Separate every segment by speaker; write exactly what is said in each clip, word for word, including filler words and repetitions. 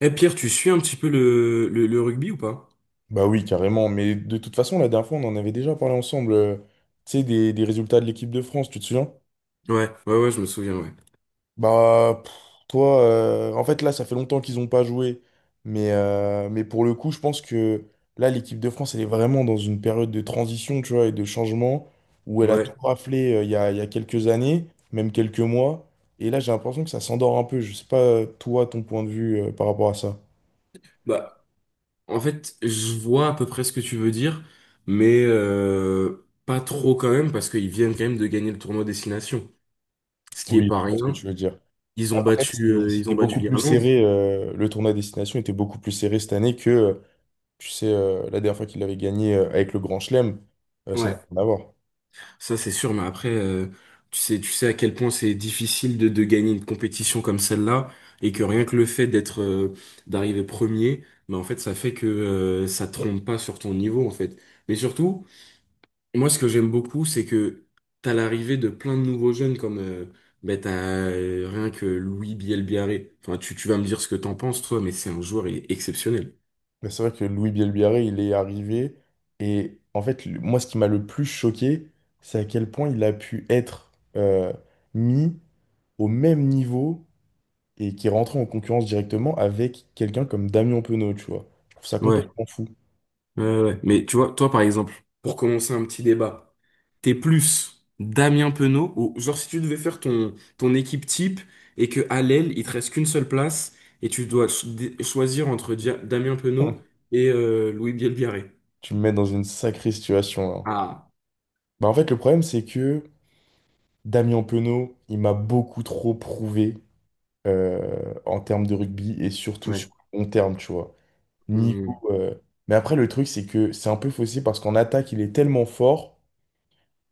Speaker 1: Eh Pierre, tu suis un petit peu le, le, le rugby ou pas?
Speaker 2: Bah oui, carrément. Mais de toute façon, la dernière fois, on en avait déjà parlé ensemble. Euh, tu sais, des, des résultats de l'équipe de France, tu te souviens?
Speaker 1: Ouais, ouais, ouais, je me souviens, ouais.
Speaker 2: Bah, pff, toi, euh, en fait, là, ça fait longtemps qu'ils n'ont pas joué. Mais, euh, mais pour le coup, je pense que là, l'équipe de France, elle est vraiment dans une période de transition, tu vois, et de changement, où elle a tout
Speaker 1: Ouais.
Speaker 2: raflé euh, il y a, il y a quelques années, même quelques mois. Et là, j'ai l'impression que ça s'endort un peu. Je sais pas, euh, toi, ton point de vue euh, par rapport à ça.
Speaker 1: Bah, en fait, je vois à peu près ce que tu veux dire, mais euh, pas trop quand même, parce qu'ils viennent quand même de gagner le tournoi Destination. Ce qui est
Speaker 2: Oui,
Speaker 1: pas
Speaker 2: je vois ce que
Speaker 1: rien.
Speaker 2: tu veux dire.
Speaker 1: Ils ont
Speaker 2: Après,
Speaker 1: battu,
Speaker 2: c'est-
Speaker 1: euh, ils
Speaker 2: c'était
Speaker 1: ont battu
Speaker 2: beaucoup plus
Speaker 1: l'Irlande.
Speaker 2: serré. Euh, le tournoi à destination était beaucoup plus serré cette année que, euh, tu sais, euh, la dernière fois qu'il avait gagné euh, avec le Grand Chelem, euh, ça n'a
Speaker 1: Ouais.
Speaker 2: rien à voir.
Speaker 1: Ça, c'est sûr, mais après, euh, tu sais, tu sais à quel point c'est difficile de, de gagner une compétition comme celle-là, et que rien que le fait d'être, euh, d'arriver premier, bah, en fait, ça fait que, euh, ça te trompe pas sur ton niveau, en fait. Mais surtout, moi, ce que j'aime beaucoup, c'est que t'as l'arrivée de plein de nouveaux jeunes comme, euh, bah, t'as euh, rien que Louis Bielbiaré. Enfin, tu, tu vas me dire ce que t'en penses, toi, mais c'est un joueur, il est exceptionnel.
Speaker 2: Mais c'est vrai que Louis Bielbiarré, il est arrivé. Et en fait, le- moi, ce qui m'a le plus choqué, c'est à quel point il a pu être euh, mis au même niveau et qui est rentré en concurrence directement avec quelqu'un comme Damien Penaud, tu vois. Je trouve ça
Speaker 1: Ouais.
Speaker 2: complètement fou.
Speaker 1: Ouais, ouais, ouais. Mais tu vois, toi, par exemple, pour commencer un petit débat, t'es plus Damien Penaud ou genre si tu devais faire ton, ton équipe type et que à l'aile, il te reste qu'une seule place et tu dois cho- dé- choisir entre Dia- Damien Penaud et euh, Louis Bielbiarré.
Speaker 2: Tu me mets dans une sacrée situation, là.
Speaker 1: Ah,
Speaker 2: Bah, en fait, le problème, c'est que. Damien Penaud, il m'a beaucoup trop prouvé euh, en termes de rugby et surtout
Speaker 1: ouais.
Speaker 2: sur le long terme, tu vois.
Speaker 1: Hmm,
Speaker 2: Niveau, euh, mais après, le truc, c'est que c'est un peu faussé parce qu'en attaque, il est tellement fort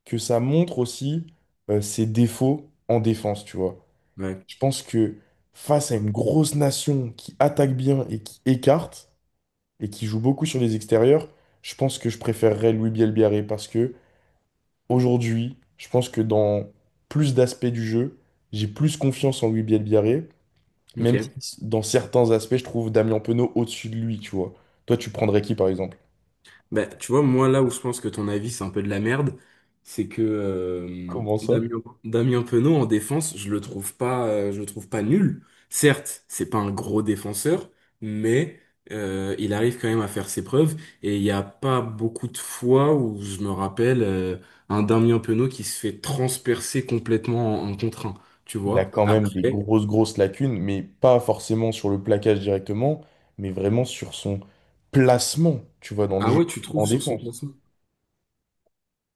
Speaker 2: que ça montre aussi euh, ses défauts en défense, tu vois.
Speaker 1: ouais.
Speaker 2: Je pense que face à une grosse nation qui attaque bien et qui écarte et qui joue beaucoup sur les extérieurs, je pense que je préférerais Louis Bielbiaré parce que Aujourd'hui, je pense que dans plus d'aspects du jeu, j'ai plus confiance en Louis Bielbiarré,
Speaker 1: Ok.
Speaker 2: même si dans certains aspects, je trouve Damien Penaud au-dessus de lui, tu vois. Toi, tu prendrais qui, par exemple?
Speaker 1: Bah, tu vois, moi, là où je pense que ton avis, c'est un peu de la merde, c'est que euh,
Speaker 2: Comment ça?
Speaker 1: Damien, Damien Penaud, en défense, je le trouve pas, euh, je le trouve pas nul. Certes, c'est pas un gros défenseur, mais euh, il arrive quand même à faire ses preuves. Et il n'y a pas beaucoup de fois où je me rappelle euh, un Damien Penaud qui se fait transpercer complètement en, en contre un, tu
Speaker 2: Il a
Speaker 1: vois.
Speaker 2: quand même des
Speaker 1: Après,
Speaker 2: grosses, grosses lacunes, mais pas forcément sur le plaquage directement, mais vraiment sur son placement, tu vois, dans le
Speaker 1: ah
Speaker 2: jeu,
Speaker 1: ouais, tu
Speaker 2: en
Speaker 1: trouves sur son
Speaker 2: défense.
Speaker 1: placement?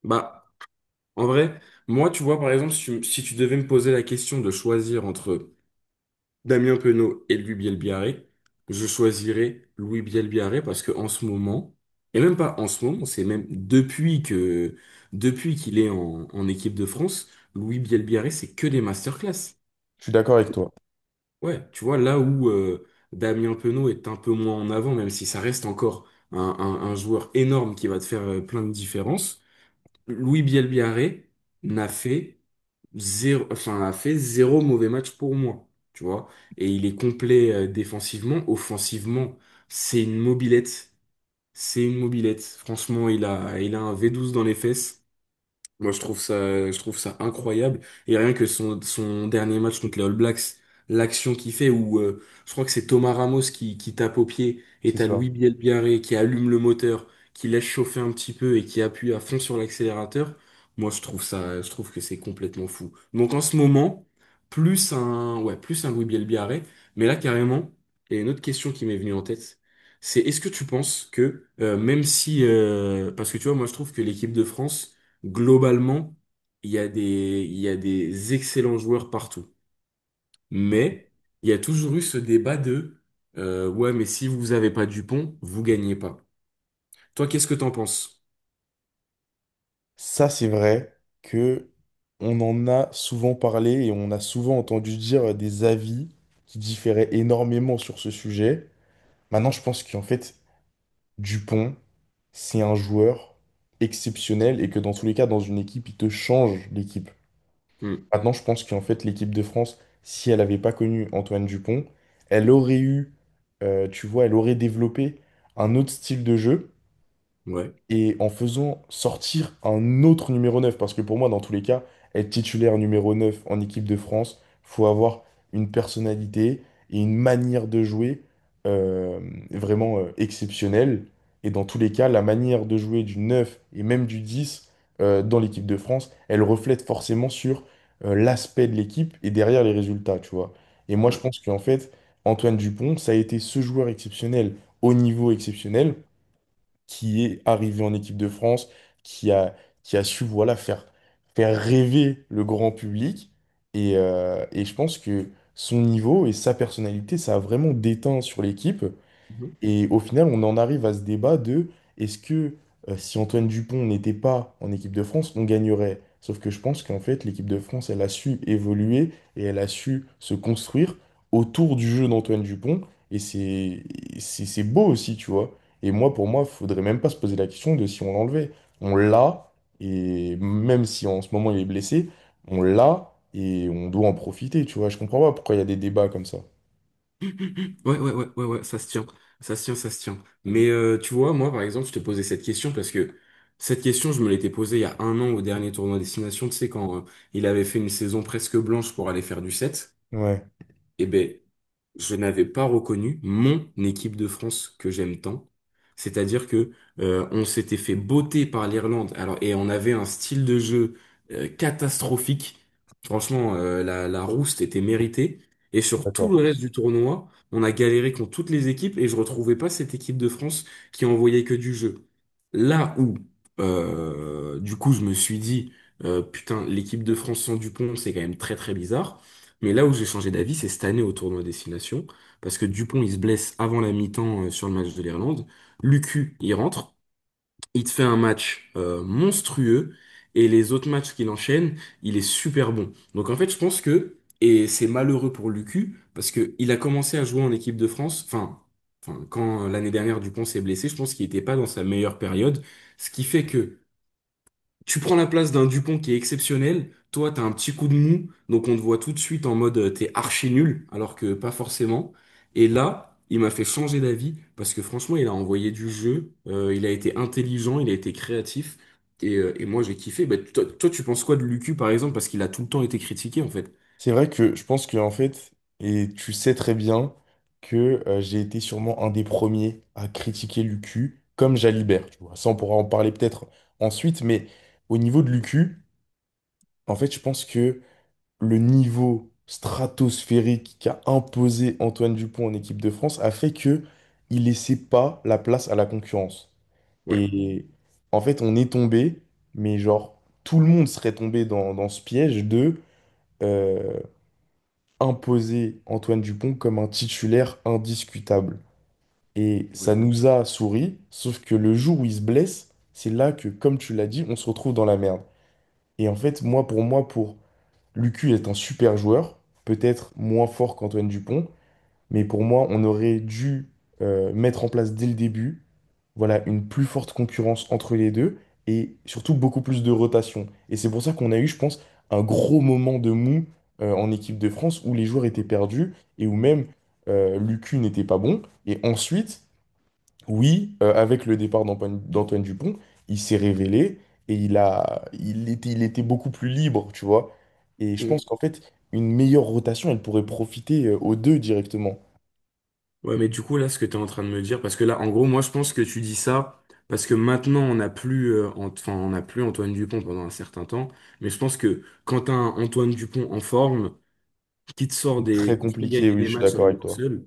Speaker 1: Bah, en vrai, moi, tu vois, par exemple, si tu si tu devais me poser la question de choisir entre Damien Penaud et Louis Bielbiarré, je choisirais Louis Bielbiarré parce que en ce moment, et même pas en ce moment, c'est même depuis que depuis qu'il est en, en équipe de France, Louis Bielbiarré, c'est que des masterclass.
Speaker 2: Je suis d'accord avec toi.
Speaker 1: Ouais, tu vois, là où euh, Damien Penaud est un peu moins en avant, même si ça reste encore un, un- un joueur énorme qui va te faire euh, plein de différences, Louis Bielbiarré n'a fait zéro, enfin, a fait zéro mauvais match pour moi, tu vois. Et il est complet euh, défensivement, offensivement, c'est une mobilette, c'est une mobilette. Franchement, il a, il a un V douze dans les fesses. Moi, je trouve ça, je trouve ça incroyable. Et rien que son, son dernier match contre les All Blacks, l'action qu'il fait où euh, je crois que c'est Thomas Ramos qui, qui tape au pied et
Speaker 2: C'est
Speaker 1: t'as
Speaker 2: ça.
Speaker 1: Louis Bielbiarré qui allume le moteur, qui laisse chauffer un petit peu et qui appuie à fond sur l'accélérateur. Moi, je trouve ça, je trouve que c'est complètement fou. Donc en ce moment, plus un, ouais, plus un Louis Bielbiarré. Mais là, carrément, et une autre question qui m'est venue en tête, c'est est-ce que tu penses que euh, même si, euh, parce que tu vois, moi, je trouve que l'équipe de France globalement, il y a des, il y a des excellents joueurs partout. Mais il y a toujours eu ce débat de euh, ouais, mais si vous avez pas Dupont, vous gagnez pas. Toi, qu'est-ce que t'en penses?
Speaker 2: Ça, c'est vrai que on en a souvent parlé et on a souvent entendu dire des avis qui différaient énormément sur ce sujet. Maintenant, je pense qu'en fait, Dupont, c'est un joueur exceptionnel et que dans tous les cas, dans une équipe, il te change l'équipe.
Speaker 1: Hmm,
Speaker 2: Maintenant, je pense qu'en fait, l'équipe de France, si elle n'avait pas connu Antoine Dupont, elle aurait eu, euh, tu vois, elle aurait développé un autre style de jeu
Speaker 1: ouais,
Speaker 2: et en faisant sortir un autre numéro neuf, parce que pour moi, dans tous les cas, être titulaire numéro neuf en équipe de France, faut avoir une personnalité et une manière de jouer euh, vraiment euh, exceptionnelle. Et dans tous les cas, la manière de jouer du neuf et même du dix euh, dans l'équipe de France, elle reflète forcément sur euh, l'aspect de l'équipe et derrière les résultats, tu vois. Et moi, je
Speaker 1: ouais.
Speaker 2: pense qu'en fait, Antoine Dupont, ça a été ce joueur exceptionnel, au niveau exceptionnel, qui est arrivé en équipe de France, qui a, qui a su voilà, faire, faire rêver le grand public. Et, euh, et je pense que son niveau et sa personnalité, ça a vraiment déteint sur l'équipe.
Speaker 1: Mhm.
Speaker 2: Et au final, on en arrive à ce débat de est-ce que euh, si Antoine Dupont n'était pas en équipe de France, on gagnerait? Sauf que je pense qu'en fait, l'équipe de France, elle a su évoluer et elle a su se construire autour du jeu d'Antoine Dupont. Et c'est c'est c'est beau aussi, tu vois. Et moi, pour moi, faudrait même pas se poser la question de si on l'enlevait. On l'a, et même si en ce moment il est blessé, on l'a et on doit en profiter, tu vois. Je comprends pas pourquoi il y a des débats comme ça.
Speaker 1: Ouais, ouais, ouais, ouais, ouais, ça se tient. Ça se tient, ça se tient. Mais euh, tu vois, moi, par exemple, je te posais cette question parce que cette question, je me l'étais posée il y a un an au dernier tournoi Destination, tu sais, quand euh, il avait fait une saison presque blanche pour aller faire du set.
Speaker 2: Ouais.
Speaker 1: Eh ben, je n'avais pas reconnu mon équipe de France que j'aime tant. C'est-à-dire que euh, on s'était fait botter par l'Irlande. Alors et on avait un style de jeu euh, catastrophique. Franchement, euh, la, la rouste était méritée. Et sur tout le reste du tournoi, on a galéré contre toutes les équipes et je retrouvais pas cette équipe de France qui envoyait que du jeu. Là où, euh, du coup, je me suis dit, euh, putain, l'équipe de France sans Dupont, c'est quand même très très bizarre. Mais là où j'ai changé d'avis, c'est cette année au tournoi Destination, parce que Dupont, il se blesse avant la mi-temps euh, sur le match de l'Irlande. Lucu, il rentre, il te fait un match euh, monstrueux, et les autres matchs qu'il enchaîne, il est super bon. Donc en fait, je pense que, et c'est malheureux pour Lucu, parce que il a commencé à jouer en équipe de France, enfin, enfin, quand euh, l'année dernière Dupont s'est blessé, je pense qu'il n'était pas dans sa meilleure période, ce qui fait que tu prends la place d'un Dupont qui est exceptionnel. Toi, t'as un petit coup de mou, donc on te voit tout de suite en mode euh, t'es archi nul, alors que pas forcément. Et là, il m'a fait changer d'avis parce que franchement, il a envoyé du jeu, euh, il a été intelligent, il a été créatif. Et, euh, et moi, j'ai kiffé. Bah, toi, toi, tu penses quoi de Lucu, par exemple, parce qu'il a tout le temps été critiqué, en fait.
Speaker 2: C'est vrai que je pense que en fait, et tu sais très bien que euh, j'ai été sûrement un des premiers à critiquer Lucu comme Jalibert, tu vois. Ça, on pourra en parler peut-être ensuite, mais au niveau de Lucu, en fait, je pense que le niveau stratosphérique qu'a imposé Antoine Dupont en équipe de France a fait que il laissait pas la place à la concurrence.
Speaker 1: Ouais.
Speaker 2: Et en fait, on est tombé, mais genre tout le monde serait tombé dans, dans ce piège de euh, imposé Antoine Dupont comme un titulaire indiscutable. Et
Speaker 1: Ouais.
Speaker 2: ça nous a souri, sauf que le jour où il se blesse, c'est là que, comme tu l'as dit, on se retrouve dans la merde. Et en fait, moi, pour moi, pour Lucu est un super joueur, peut-être moins fort qu'Antoine Dupont, mais pour moi, on aurait dû euh, mettre en place dès le début, voilà, une plus forte concurrence entre les deux et surtout beaucoup plus de rotation. Et c'est pour ça qu'on a eu, je pense, un gros moment de mou euh, en équipe de France où les joueurs étaient perdus et où même euh, Lucu n'était pas bon. Et ensuite, oui, euh, avec le départ d'Antoine d'Antoine Dupont, il s'est révélé et il a, il était, il était beaucoup plus libre, tu vois. Et je pense
Speaker 1: Mhm.
Speaker 2: qu'en fait, une meilleure rotation, elle pourrait profiter euh, aux deux directement.
Speaker 1: Ouais, mais du coup, là, ce que tu es en train de me dire, parce que là, en gros, moi, je pense que tu dis ça parce que maintenant, on n'a plus, euh, Ant- enfin, on n'a plus Antoine Dupont pendant un certain temps. Mais je pense que quand tu un Antoine Dupont en forme, qui te sort
Speaker 2: Très
Speaker 1: des, qui te fait
Speaker 2: compliqué,
Speaker 1: gagner
Speaker 2: oui,
Speaker 1: des
Speaker 2: je suis
Speaker 1: matchs à
Speaker 2: d'accord
Speaker 1: lui
Speaker 2: avec
Speaker 1: tout
Speaker 2: toi.
Speaker 1: seul,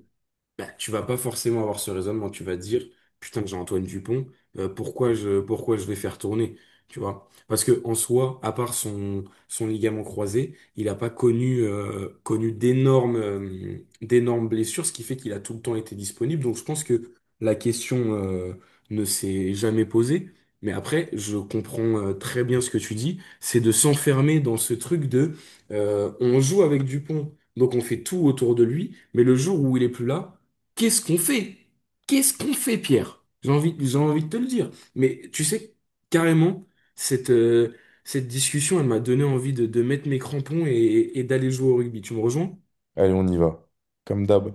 Speaker 1: bah, tu vas pas forcément avoir ce raisonnement. Tu vas dire, putain, j'ai Antoine Dupont, euh, pourquoi je, pourquoi je vais faire tourner? Tu vois? Parce que en soi, à part son, son ligament croisé, il n'a pas connu, euh, connu d'énormes, euh, d'énormes blessures, ce qui fait qu'il a tout le temps été disponible. Donc je pense que la question, euh, ne s'est jamais posée. Mais après, je comprends euh, très bien ce que tu dis, c'est de s'enfermer dans ce truc de euh, on joue avec Dupont, donc on fait tout autour de lui, mais le jour où il est plus là, qu'est-ce qu'on fait? Qu'est-ce qu'on fait, Pierre? J'ai envie, j'ai envie de te le dire. Mais tu sais, carrément, cette, euh, cette discussion, elle m'a donné envie de, de mettre mes crampons et, et d'aller jouer au rugby. Tu me rejoins?
Speaker 2: Allez, on y va. Comme d'hab.